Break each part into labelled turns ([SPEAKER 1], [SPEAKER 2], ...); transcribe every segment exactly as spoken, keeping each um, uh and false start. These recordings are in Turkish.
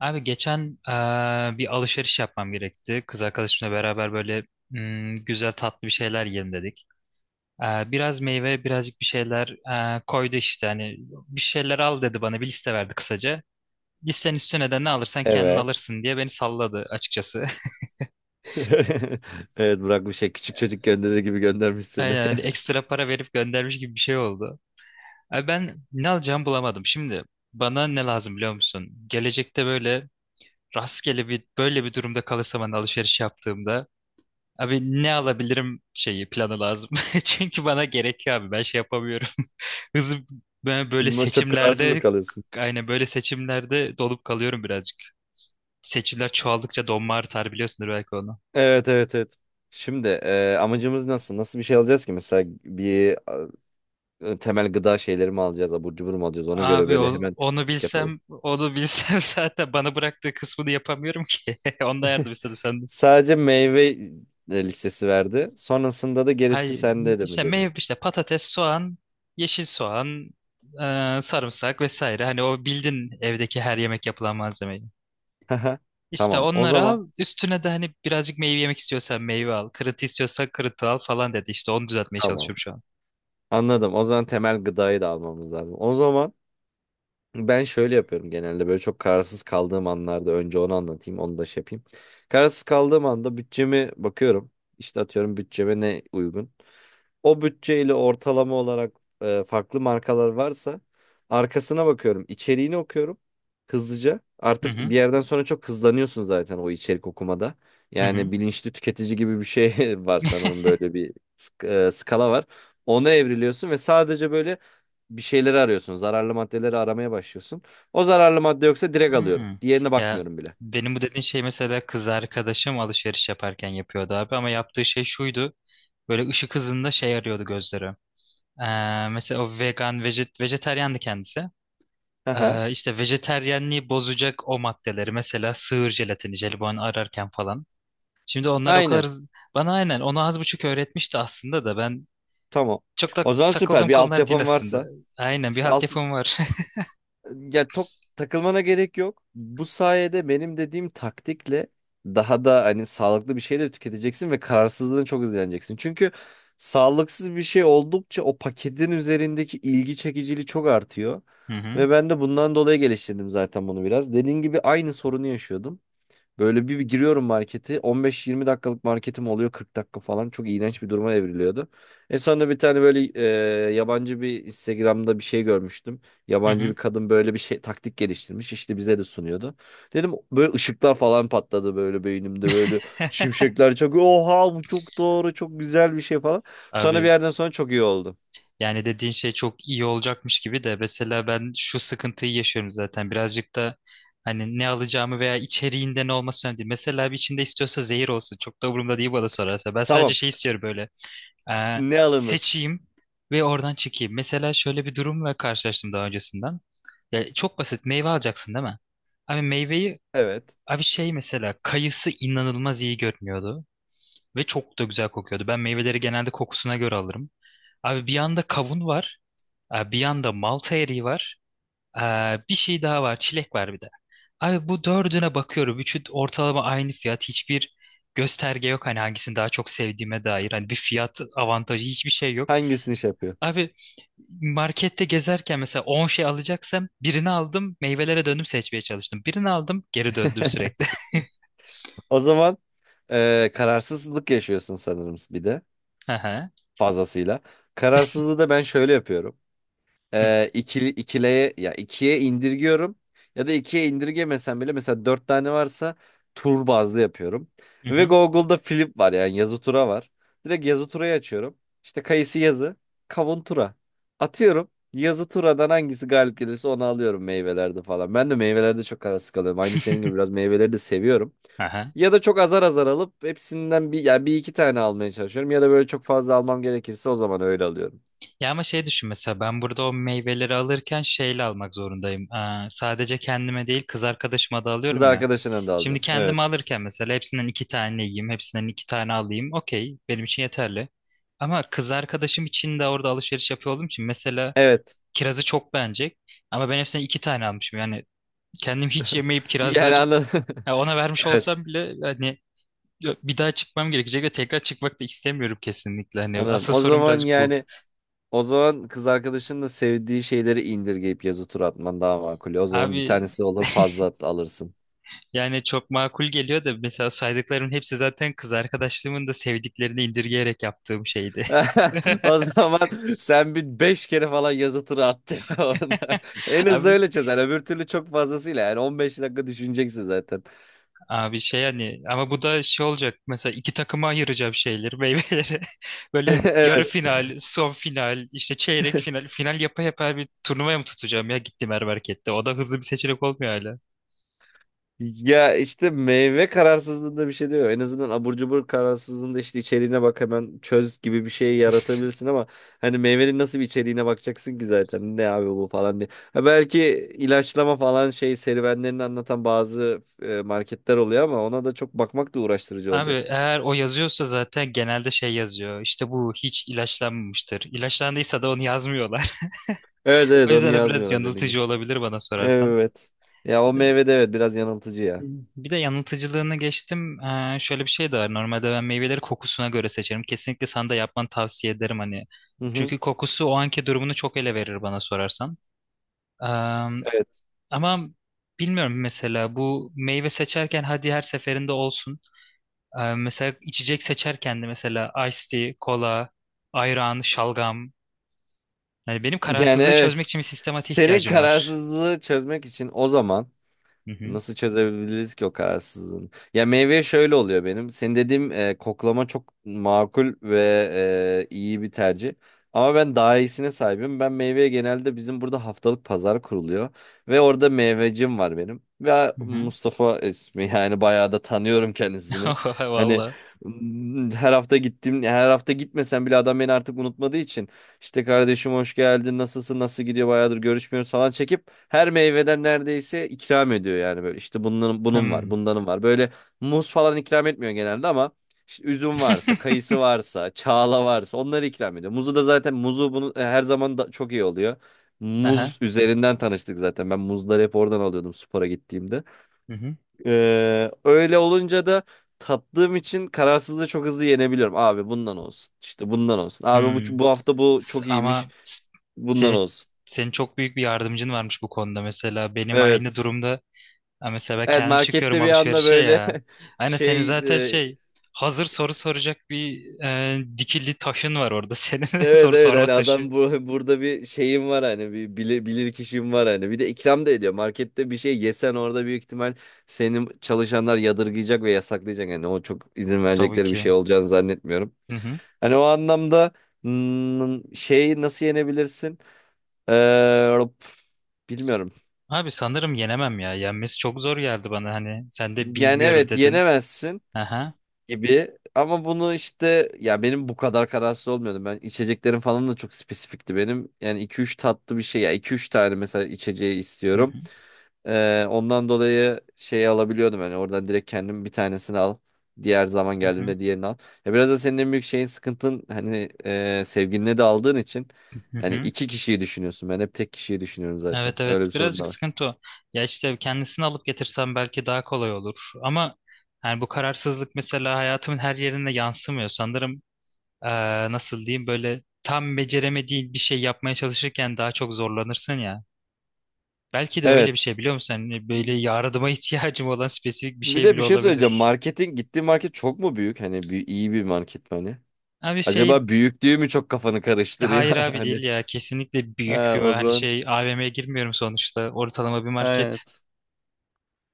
[SPEAKER 1] Abi geçen eee, bir alışveriş yapmam gerekti. Kız arkadaşımla beraber böyle mm, güzel tatlı bir şeyler yiyelim dedik. Eee, biraz meyve, birazcık bir şeyler eee, koydu işte. Hani bir şeyler al dedi, bana bir liste verdi kısaca. Listenin üstüne de ne alırsan kendin
[SPEAKER 2] Evet.
[SPEAKER 1] alırsın diye beni salladı açıkçası.
[SPEAKER 2] Evet, bırakmış şey, küçük çocuk gönderir gibi göndermiş seni.
[SPEAKER 1] Aynen, hani ekstra para verip göndermiş gibi bir şey oldu. Abi ben ne alacağımı bulamadım. Şimdi bana ne lazım biliyor musun? Gelecekte böyle rastgele bir böyle bir durumda kalırsam, hani alışveriş yaptığımda, abi ne alabilirim şeyi, planı lazım. Çünkü bana gerekiyor abi, ben şey yapamıyorum. Hızım, ben böyle
[SPEAKER 2] Ama çok kararsız mı
[SPEAKER 1] seçimlerde,
[SPEAKER 2] kalıyorsun?
[SPEAKER 1] aynen böyle seçimlerde dolup kalıyorum birazcık. Seçimler çoğaldıkça donma artar, biliyorsundur belki onu.
[SPEAKER 2] Evet, evet, evet. Şimdi e, amacımız nasıl? Nasıl bir şey alacağız ki? Mesela bir e, temel gıda şeyleri mi alacağız? Abur cubur mu alacağız? Ona göre
[SPEAKER 1] Abi
[SPEAKER 2] böyle
[SPEAKER 1] o-
[SPEAKER 2] hemen tık
[SPEAKER 1] onu
[SPEAKER 2] tık tık yapalım.
[SPEAKER 1] bilsem, onu bilsem zaten bana bıraktığı kısmını yapamıyorum ki. Ondan yardım istedim senden.
[SPEAKER 2] Sadece meyve e, listesi verdi. Sonrasında da gerisi
[SPEAKER 1] Hayır,
[SPEAKER 2] sende de mi
[SPEAKER 1] işte
[SPEAKER 2] dedi.
[SPEAKER 1] meyve, işte patates, soğan, yeşil soğan, e, sarımsak vesaire. Hani o bildin evdeki her yemek yapılan malzemeyi. İşte
[SPEAKER 2] Tamam o
[SPEAKER 1] onları
[SPEAKER 2] zaman.
[SPEAKER 1] al. Üstüne de hani birazcık meyve yemek istiyorsan meyve al. Kırıntı istiyorsan kırıntı al falan dedi. İşte onu düzeltmeye
[SPEAKER 2] Tamam.
[SPEAKER 1] çalışıyorum şu an.
[SPEAKER 2] Anladım. O zaman temel gıdayı da almamız lazım. O zaman ben şöyle yapıyorum: genelde böyle çok kararsız kaldığım anlarda önce onu anlatayım, onu da şey yapayım. Kararsız kaldığım anda bütçemi bakıyorum. İşte atıyorum, bütçeme ne uygun. O bütçeyle ortalama olarak e, farklı markalar varsa arkasına bakıyorum, içeriğini okuyorum hızlıca.
[SPEAKER 1] Hı
[SPEAKER 2] Artık
[SPEAKER 1] hı.
[SPEAKER 2] bir yerden sonra çok hızlanıyorsun zaten o içerik okumada.
[SPEAKER 1] Hı hı.
[SPEAKER 2] Yani bilinçli tüketici gibi bir şey var sanırım, böyle bir sk- e, skala var. Ona evriliyorsun ve sadece böyle bir şeyleri arıyorsun. Zararlı maddeleri aramaya başlıyorsun. O zararlı madde yoksa direkt alıyorum.
[SPEAKER 1] Hmm.
[SPEAKER 2] Diğerine
[SPEAKER 1] Ya,
[SPEAKER 2] bakmıyorum bile.
[SPEAKER 1] benim bu dediğin şey mesela kız arkadaşım alışveriş yaparken yapıyordu abi, ama yaptığı şey şuydu. Böyle ışık hızında şey arıyordu gözleri. Ee, mesela o vegan, vejet, vejetaryandı kendisi.
[SPEAKER 2] Aha,
[SPEAKER 1] Ee, işte vejetaryenliği bozacak o maddeleri, mesela sığır jelatini, jelibon ararken falan. Şimdi onlar o kadar
[SPEAKER 2] aynen.
[SPEAKER 1] hız- bana aynen onu az buçuk öğretmişti aslında da ben
[SPEAKER 2] Tamam.
[SPEAKER 1] çok da
[SPEAKER 2] O zaman süper.
[SPEAKER 1] takıldığım
[SPEAKER 2] Bir
[SPEAKER 1] konular değil
[SPEAKER 2] altyapım
[SPEAKER 1] aslında.
[SPEAKER 2] varsa.
[SPEAKER 1] Aynen, bir
[SPEAKER 2] İşte
[SPEAKER 1] halt
[SPEAKER 2] alt,
[SPEAKER 1] yapım var.
[SPEAKER 2] ya çok takılmana gerek yok. Bu sayede benim dediğim taktikle daha da hani sağlıklı bir şey de tüketeceksin ve kararsızlığını çok hızlaneceksin. Çünkü sağlıksız bir şey oldukça o paketin üzerindeki ilgi çekiciliği çok artıyor.
[SPEAKER 1] Hı hı.
[SPEAKER 2] Ve ben de bundan dolayı geliştirdim zaten bunu biraz. Dediğin gibi aynı sorunu yaşıyordum. Böyle bir, bir giriyorum marketi. on beş yirmi dakikalık marketim oluyor, kırk dakika falan. Çok iğrenç bir duruma evriliyordu. En sonunda bir tane böyle e, yabancı bir Instagram'da bir şey görmüştüm.
[SPEAKER 1] Hı
[SPEAKER 2] Yabancı
[SPEAKER 1] hı.
[SPEAKER 2] bir kadın böyle bir şey taktik geliştirmiş. İşte bize de sunuyordu. Dedim, böyle ışıklar falan patladı böyle beynimde, böyle şimşekler çakıyor. Oha, bu çok doğru, çok güzel bir şey falan. Sonra bir
[SPEAKER 1] Abi
[SPEAKER 2] yerden sonra çok iyi oldu.
[SPEAKER 1] yani dediğin şey çok iyi olacakmış gibi de, mesela ben şu sıkıntıyı yaşıyorum zaten birazcık da, hani ne alacağımı veya içeriğinde ne olması önemli değil. Mesela bir, içinde istiyorsa zehir olsun, çok da umurumda değil bana sorarsa. Ben sadece
[SPEAKER 2] Tamam,
[SPEAKER 1] şey istiyorum böyle, Ee,
[SPEAKER 2] ne alınır?
[SPEAKER 1] seçeyim ve oradan çekeyim. Mesela şöyle bir durumla karşılaştım daha öncesinden. Ya çok basit, meyve alacaksın değil mi? Abi meyveyi,
[SPEAKER 2] Evet.
[SPEAKER 1] abi şey mesela kayısı inanılmaz iyi görünüyordu ve çok da güzel kokuyordu. Ben meyveleri genelde kokusuna göre alırım. Abi bir yanda kavun var, e, bir yanda malta eriği var, e, bir şey daha var, çilek var bir de. Abi bu dördüne bakıyorum. Üçü ortalama aynı fiyat. Hiçbir gösterge yok hani hangisini daha çok sevdiğime dair. Hani bir fiyat avantajı, hiçbir şey yok.
[SPEAKER 2] Hangisini şey yapıyor?
[SPEAKER 1] Abi markette gezerken mesela on şey alacaksam, birini aldım, meyvelere döndüm, seçmeye çalıştım. Birini aldım, geri döndüm sürekli.
[SPEAKER 2] O zaman e, kararsızlık yaşıyorsun sanırım bir de.
[SPEAKER 1] Hı hı.
[SPEAKER 2] Fazlasıyla. Kararsızlığı da ben şöyle yapıyorum:
[SPEAKER 1] Hı
[SPEAKER 2] e, ikili ikileye ya ikiye indirgiyorum, ya da ikiye indirgemesem bile mesela dört tane varsa tur bazlı yapıyorum. Ve
[SPEAKER 1] hı.
[SPEAKER 2] Google'da flip var, yani yazı tura var. Direkt yazı turayı açıyorum. İşte kayısı yazı, kavun tura. Atıyorum. Yazı turadan hangisi galip gelirse onu alıyorum meyvelerde falan. Ben de meyvelerde çok arası kalıyorum. Aynı senin gibi biraz meyveleri de seviyorum.
[SPEAKER 1] Aha.
[SPEAKER 2] Ya da çok azar azar alıp hepsinden bir, yani bir iki tane almaya çalışıyorum. Ya da böyle çok fazla almam gerekirse o zaman öyle alıyorum.
[SPEAKER 1] Ya ama şey düşün, mesela ben burada o meyveleri alırken şeyle almak zorundayım. Aa, sadece kendime değil, kız arkadaşıma da
[SPEAKER 2] Kız
[SPEAKER 1] alıyorum ya.
[SPEAKER 2] arkadaşına da
[SPEAKER 1] Şimdi
[SPEAKER 2] alacağım.
[SPEAKER 1] kendime
[SPEAKER 2] Evet.
[SPEAKER 1] alırken mesela hepsinden iki tane yiyeyim, hepsinden iki tane alayım. Okey, benim için yeterli. Ama kız arkadaşım için de orada alışveriş yapıyor olduğum için mesela
[SPEAKER 2] Evet.
[SPEAKER 1] kirazı çok beğenecek. Ama ben hepsinden iki tane almışım. Yani kendim hiç yemeyip
[SPEAKER 2] Yani
[SPEAKER 1] kirazları
[SPEAKER 2] anladım.
[SPEAKER 1] ya ona vermiş
[SPEAKER 2] Evet.
[SPEAKER 1] olsam bile, hani bir daha çıkmam gerekecek ve tekrar çıkmak da istemiyorum kesinlikle. Hani
[SPEAKER 2] Anladım.
[SPEAKER 1] asıl
[SPEAKER 2] O
[SPEAKER 1] sorun
[SPEAKER 2] zaman
[SPEAKER 1] birazcık bu.
[SPEAKER 2] yani o zaman kız arkadaşının da sevdiği şeyleri indirgeyip yazı tur atman daha makul. O zaman bir
[SPEAKER 1] Abi,
[SPEAKER 2] tanesi olur, fazla at- alırsın.
[SPEAKER 1] yani çok makul geliyor da, mesela saydıklarımın hepsi zaten kız arkadaşlığımın da sevdiklerini indirgeyerek yaptığım şeydi.
[SPEAKER 2] O zaman sen bir beş kere falan yazı turu at orada. En hızlı
[SPEAKER 1] Abi,
[SPEAKER 2] öyle çözer. Öbür türlü çok fazlasıyla, yani on beş dakika düşüneceksin zaten.
[SPEAKER 1] abi şey hani, ama bu da şey olacak mesela. İki takıma ayıracağım şeyleri, meyveleri, böyle yarı
[SPEAKER 2] Evet.
[SPEAKER 1] final, son final, işte çeyrek final, final yapa yapa bir turnuvaya mı tutacağım ya? Gittim her markette, o da hızlı bir seçenek olmuyor hala.
[SPEAKER 2] Ya işte meyve kararsızlığında bir şey diyor. En azından abur cubur kararsızlığında işte içeriğine bak, hemen çöz gibi bir şey yaratabilirsin ama hani meyvenin nasıl bir içeriğine bakacaksın ki zaten, ne abi bu falan diye. Ha, belki ilaçlama falan şey serüvenlerini anlatan bazı e, marketler oluyor ama ona da çok bakmak da uğraştırıcı
[SPEAKER 1] Abi,
[SPEAKER 2] olacak.
[SPEAKER 1] eğer o yazıyorsa zaten genelde şey yazıyor. İşte bu hiç ilaçlanmamıştır. İlaçlandıysa da onu yazmıyorlar.
[SPEAKER 2] Evet,
[SPEAKER 1] O
[SPEAKER 2] evet, onu
[SPEAKER 1] yüzden o biraz
[SPEAKER 2] yazmıyorlar dediğim gibi.
[SPEAKER 1] yanıltıcı olabilir bana sorarsan.
[SPEAKER 2] Evet. Ya o
[SPEAKER 1] Bir de,
[SPEAKER 2] meyve de evet biraz yanıltıcı ya.
[SPEAKER 1] bir de yanıltıcılığını geçtim. Ee, şöyle bir şey de var. Normalde ben meyveleri kokusuna göre seçerim. Kesinlikle sana da yapmanı tavsiye ederim hani.
[SPEAKER 2] Hı hı.
[SPEAKER 1] Çünkü kokusu o anki durumunu çok ele verir bana sorarsan. Ee,
[SPEAKER 2] Evet.
[SPEAKER 1] ama bilmiyorum, mesela bu meyve seçerken hadi her seferinde olsun. Ee, mesela içecek seçerken de, mesela iced tea, kola, ayran, şalgam. Yani benim
[SPEAKER 2] Yani
[SPEAKER 1] kararsızlığı çözmek
[SPEAKER 2] evet.
[SPEAKER 1] için bir sistematiğe
[SPEAKER 2] Senin
[SPEAKER 1] ihtiyacım var.
[SPEAKER 2] kararsızlığı çözmek için o zaman
[SPEAKER 1] Hı hı.
[SPEAKER 2] nasıl çözebiliriz ki o kararsızlığını? Ya, meyve şöyle oluyor benim. Senin dediğim e, koklama çok makul ve e, iyi bir tercih. Ama ben daha iyisine sahibim. Ben meyveye genelde, bizim burada haftalık pazar kuruluyor. Ve orada meyvecim var benim. Ve
[SPEAKER 1] Hı hı.
[SPEAKER 2] Mustafa ismi, yani bayağı da tanıyorum kendisini. Hani
[SPEAKER 1] Valla.
[SPEAKER 2] m, her hafta gittim, her hafta gitmesem bile adam beni artık unutmadığı için işte kardeşim hoş geldin, nasılsın, nasıl gidiyor, bayağıdır görüşmüyoruz falan çekip her meyveden neredeyse ikram ediyor. Yani böyle işte bunun, bunun var,
[SPEAKER 1] Hmm.
[SPEAKER 2] bundanın var, böyle muz falan ikram etmiyor genelde ama işte üzüm varsa, kayısı varsa, çağla varsa onları ikram ediyor. Muzu da zaten muzu bunu e, her zaman da çok iyi oluyor.
[SPEAKER 1] Aha.
[SPEAKER 2] Muz üzerinden tanıştık zaten, ben muzları hep oradan alıyordum spora gittiğimde.
[SPEAKER 1] Hı hı.
[SPEAKER 2] Ee, öyle olunca da tattığım için kararsızlığı çok hızlı yenebiliyorum. Abi bundan olsun. İşte bundan olsun. Abi bu,
[SPEAKER 1] Hmm.
[SPEAKER 2] bu hafta bu
[SPEAKER 1] S-
[SPEAKER 2] çok iyiymiş.
[SPEAKER 1] Ama s-
[SPEAKER 2] Bundan
[SPEAKER 1] senin
[SPEAKER 2] olsun.
[SPEAKER 1] senin çok büyük bir yardımcın varmış bu konuda mesela. Benim aynı
[SPEAKER 2] Evet.
[SPEAKER 1] durumda, ha mesela ben
[SPEAKER 2] Evet,
[SPEAKER 1] kendim çıkıyorum
[SPEAKER 2] markette bir anda
[SPEAKER 1] alışverişe
[SPEAKER 2] böyle
[SPEAKER 1] ya. Aynen, senin
[SPEAKER 2] şey,
[SPEAKER 1] zaten
[SPEAKER 2] e,
[SPEAKER 1] şey, hazır soru soracak bir e, dikili taşın var orada. Senin de
[SPEAKER 2] evet,
[SPEAKER 1] soru
[SPEAKER 2] evet,
[SPEAKER 1] sorma
[SPEAKER 2] hani
[SPEAKER 1] taşı.
[SPEAKER 2] adam bu, burada bir şeyim var hani, bir bilir, bilir kişim var hani, bir de ikram da ediyor. Markette bir şey yesen orada büyük ihtimal senin çalışanlar yadırgayacak ve yasaklayacak. Yani o çok izin
[SPEAKER 1] Tabii
[SPEAKER 2] verecekleri bir
[SPEAKER 1] ki.
[SPEAKER 2] şey olacağını zannetmiyorum.
[SPEAKER 1] Hı hı.
[SPEAKER 2] Hani o anlamda hmm, şeyi nasıl yenebilirsin? Ee, Bilmiyorum.
[SPEAKER 1] Abi sanırım yenemem ya. Yenmesi çok zor geldi bana hani. Sen de
[SPEAKER 2] Yani
[SPEAKER 1] bilmiyorum
[SPEAKER 2] evet,
[SPEAKER 1] dedin.
[SPEAKER 2] yenemezsin
[SPEAKER 1] Aha.
[SPEAKER 2] gibi ama bunu işte, ya benim bu kadar kararsız olmuyordum. Ben içeceklerim falan da çok spesifikti benim. Yani iki üç tatlı bir şey, ya iki üç tane mesela içeceği
[SPEAKER 1] Hı
[SPEAKER 2] istiyorum.
[SPEAKER 1] hı.
[SPEAKER 2] Ee, ondan dolayı şeyi alabiliyordum, hani oradan direkt kendim bir tanesini al. Diğer zaman
[SPEAKER 1] Hı hı.
[SPEAKER 2] geldiğimde diğerini al. Ya biraz da senin en büyük şeyin sıkıntın, hani e, sevgiline de aldığın için
[SPEAKER 1] Hı
[SPEAKER 2] hani
[SPEAKER 1] hı.
[SPEAKER 2] iki kişiyi düşünüyorsun. Ben hep tek kişiyi düşünüyorum zaten.
[SPEAKER 1] Evet,
[SPEAKER 2] Öyle bir
[SPEAKER 1] evet,
[SPEAKER 2] sorun
[SPEAKER 1] birazcık
[SPEAKER 2] da var.
[SPEAKER 1] sıkıntı o. Ya işte kendisini alıp getirsem belki daha kolay olur. Ama yani bu kararsızlık mesela hayatımın her yerine yansımıyor. Sanırım eee, nasıl diyeyim, böyle tam beceremediğin bir şey yapmaya çalışırken daha çok zorlanırsın ya. Belki de öyle bir
[SPEAKER 2] Evet.
[SPEAKER 1] şey, biliyor musun? Hani böyle yardıma ihtiyacım olan spesifik bir
[SPEAKER 2] Bir
[SPEAKER 1] şey
[SPEAKER 2] de
[SPEAKER 1] bile
[SPEAKER 2] bir şey söyleyeceğim.
[SPEAKER 1] olabilir.
[SPEAKER 2] Marketin gittiğin market çok mu büyük? Hani bir, iyi bir market mi hani?
[SPEAKER 1] Abi şey,
[SPEAKER 2] Acaba büyüklüğü mü çok kafanı karıştırıyor?
[SPEAKER 1] hayır abi,
[SPEAKER 2] Hani
[SPEAKER 1] değil ya. Kesinlikle büyük
[SPEAKER 2] ha,
[SPEAKER 1] bir,
[SPEAKER 2] o
[SPEAKER 1] hani
[SPEAKER 2] zaman.
[SPEAKER 1] şey, A V M'ye girmiyorum sonuçta. Ortalama bir market.
[SPEAKER 2] Evet.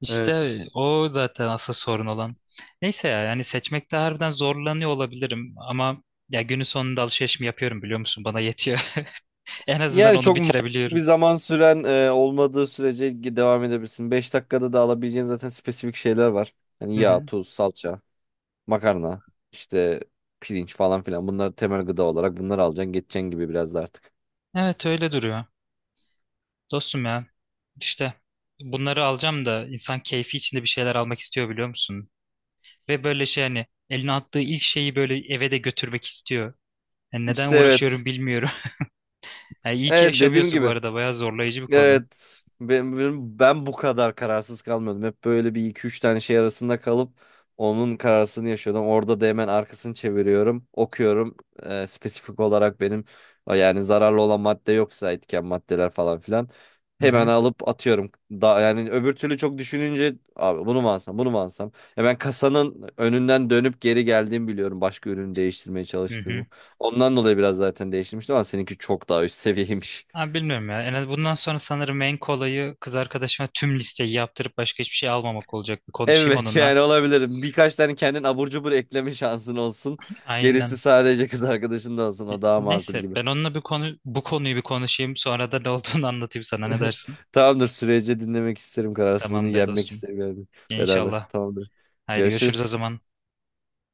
[SPEAKER 1] İşte
[SPEAKER 2] Evet.
[SPEAKER 1] o zaten asıl sorun olan. Neyse ya, yani seçmekte harbiden zorlanıyor olabilirim ama ya, günün sonunda alışveriş mi yapıyorum biliyor musun? Bana yetiyor. En azından
[SPEAKER 2] Yani
[SPEAKER 1] onu
[SPEAKER 2] çok ma- bir
[SPEAKER 1] bitirebiliyorum.
[SPEAKER 2] zaman süren e, olmadığı sürece gi- devam edebilirsin. Beş dakikada da alabileceğin zaten spesifik şeyler var. Yani
[SPEAKER 1] Hı
[SPEAKER 2] yağ,
[SPEAKER 1] hı.
[SPEAKER 2] tuz, salça, makarna, işte pirinç falan filan. Bunlar temel gıda olarak, bunları alacaksın, geçeceksin gibi biraz da artık.
[SPEAKER 1] Evet, öyle duruyor. Dostum ya, işte bunları alacağım da insan keyfi içinde bir şeyler almak istiyor biliyor musun? Ve böyle şey, hani eline attığı ilk şeyi böyle eve de götürmek istiyor. Yani neden
[SPEAKER 2] İşte evet.
[SPEAKER 1] uğraşıyorum bilmiyorum. Yani iyi ki
[SPEAKER 2] Evet, dediğim
[SPEAKER 1] yaşamıyorsun bu
[SPEAKER 2] gibi.
[SPEAKER 1] arada. Bayağı zorlayıcı bir konu.
[SPEAKER 2] Evet. Ben, ben, ben bu kadar kararsız kalmıyordum. Hep böyle bir iki üç tane şey arasında kalıp onun kararsını yaşıyordum. Orada da hemen arkasını çeviriyorum, okuyorum. Ee, spesifik olarak benim, yani zararlı olan madde yoksa, etken maddeler falan filan
[SPEAKER 1] Hı
[SPEAKER 2] hemen
[SPEAKER 1] hı.
[SPEAKER 2] alıp atıyorum. Da, yani öbür türlü çok düşününce abi bunu mu alsam, bunu mu alsam? Ya ben kasanın önünden dönüp geri geldiğimi biliyorum, başka ürünü değiştirmeye
[SPEAKER 1] Hı hı.
[SPEAKER 2] çalıştığımı. Ondan dolayı biraz zaten değiştirmiştim ama seninki çok daha üst seviyeymiş.
[SPEAKER 1] Abi bilmiyorum ya. En az bundan sonra sanırım en kolayı, kız arkadaşıma tüm listeyi yaptırıp başka hiçbir şey almamak olacak. Bir konuşayım
[SPEAKER 2] Evet,
[SPEAKER 1] onunla.
[SPEAKER 2] yani olabilirim. Birkaç tane kendin abur cubur ekleme şansın olsun. Gerisi
[SPEAKER 1] Aynen.
[SPEAKER 2] sadece kız arkadaşın da olsun. O daha makul
[SPEAKER 1] Neyse,
[SPEAKER 2] gibi.
[SPEAKER 1] ben onunla bir konu bu konuyu bir konuşayım. Sonra da ne olduğunu anlatayım sana. Ne dersin?
[SPEAKER 2] Tamamdır. Sürece dinlemek isterim. Kararsızlığını
[SPEAKER 1] Tamamdır
[SPEAKER 2] yenmek
[SPEAKER 1] dostum.
[SPEAKER 2] isterim yani. Beraber.
[SPEAKER 1] İnşallah.
[SPEAKER 2] Tamamdır.
[SPEAKER 1] Haydi görüşürüz o
[SPEAKER 2] Görüşürüz.
[SPEAKER 1] zaman.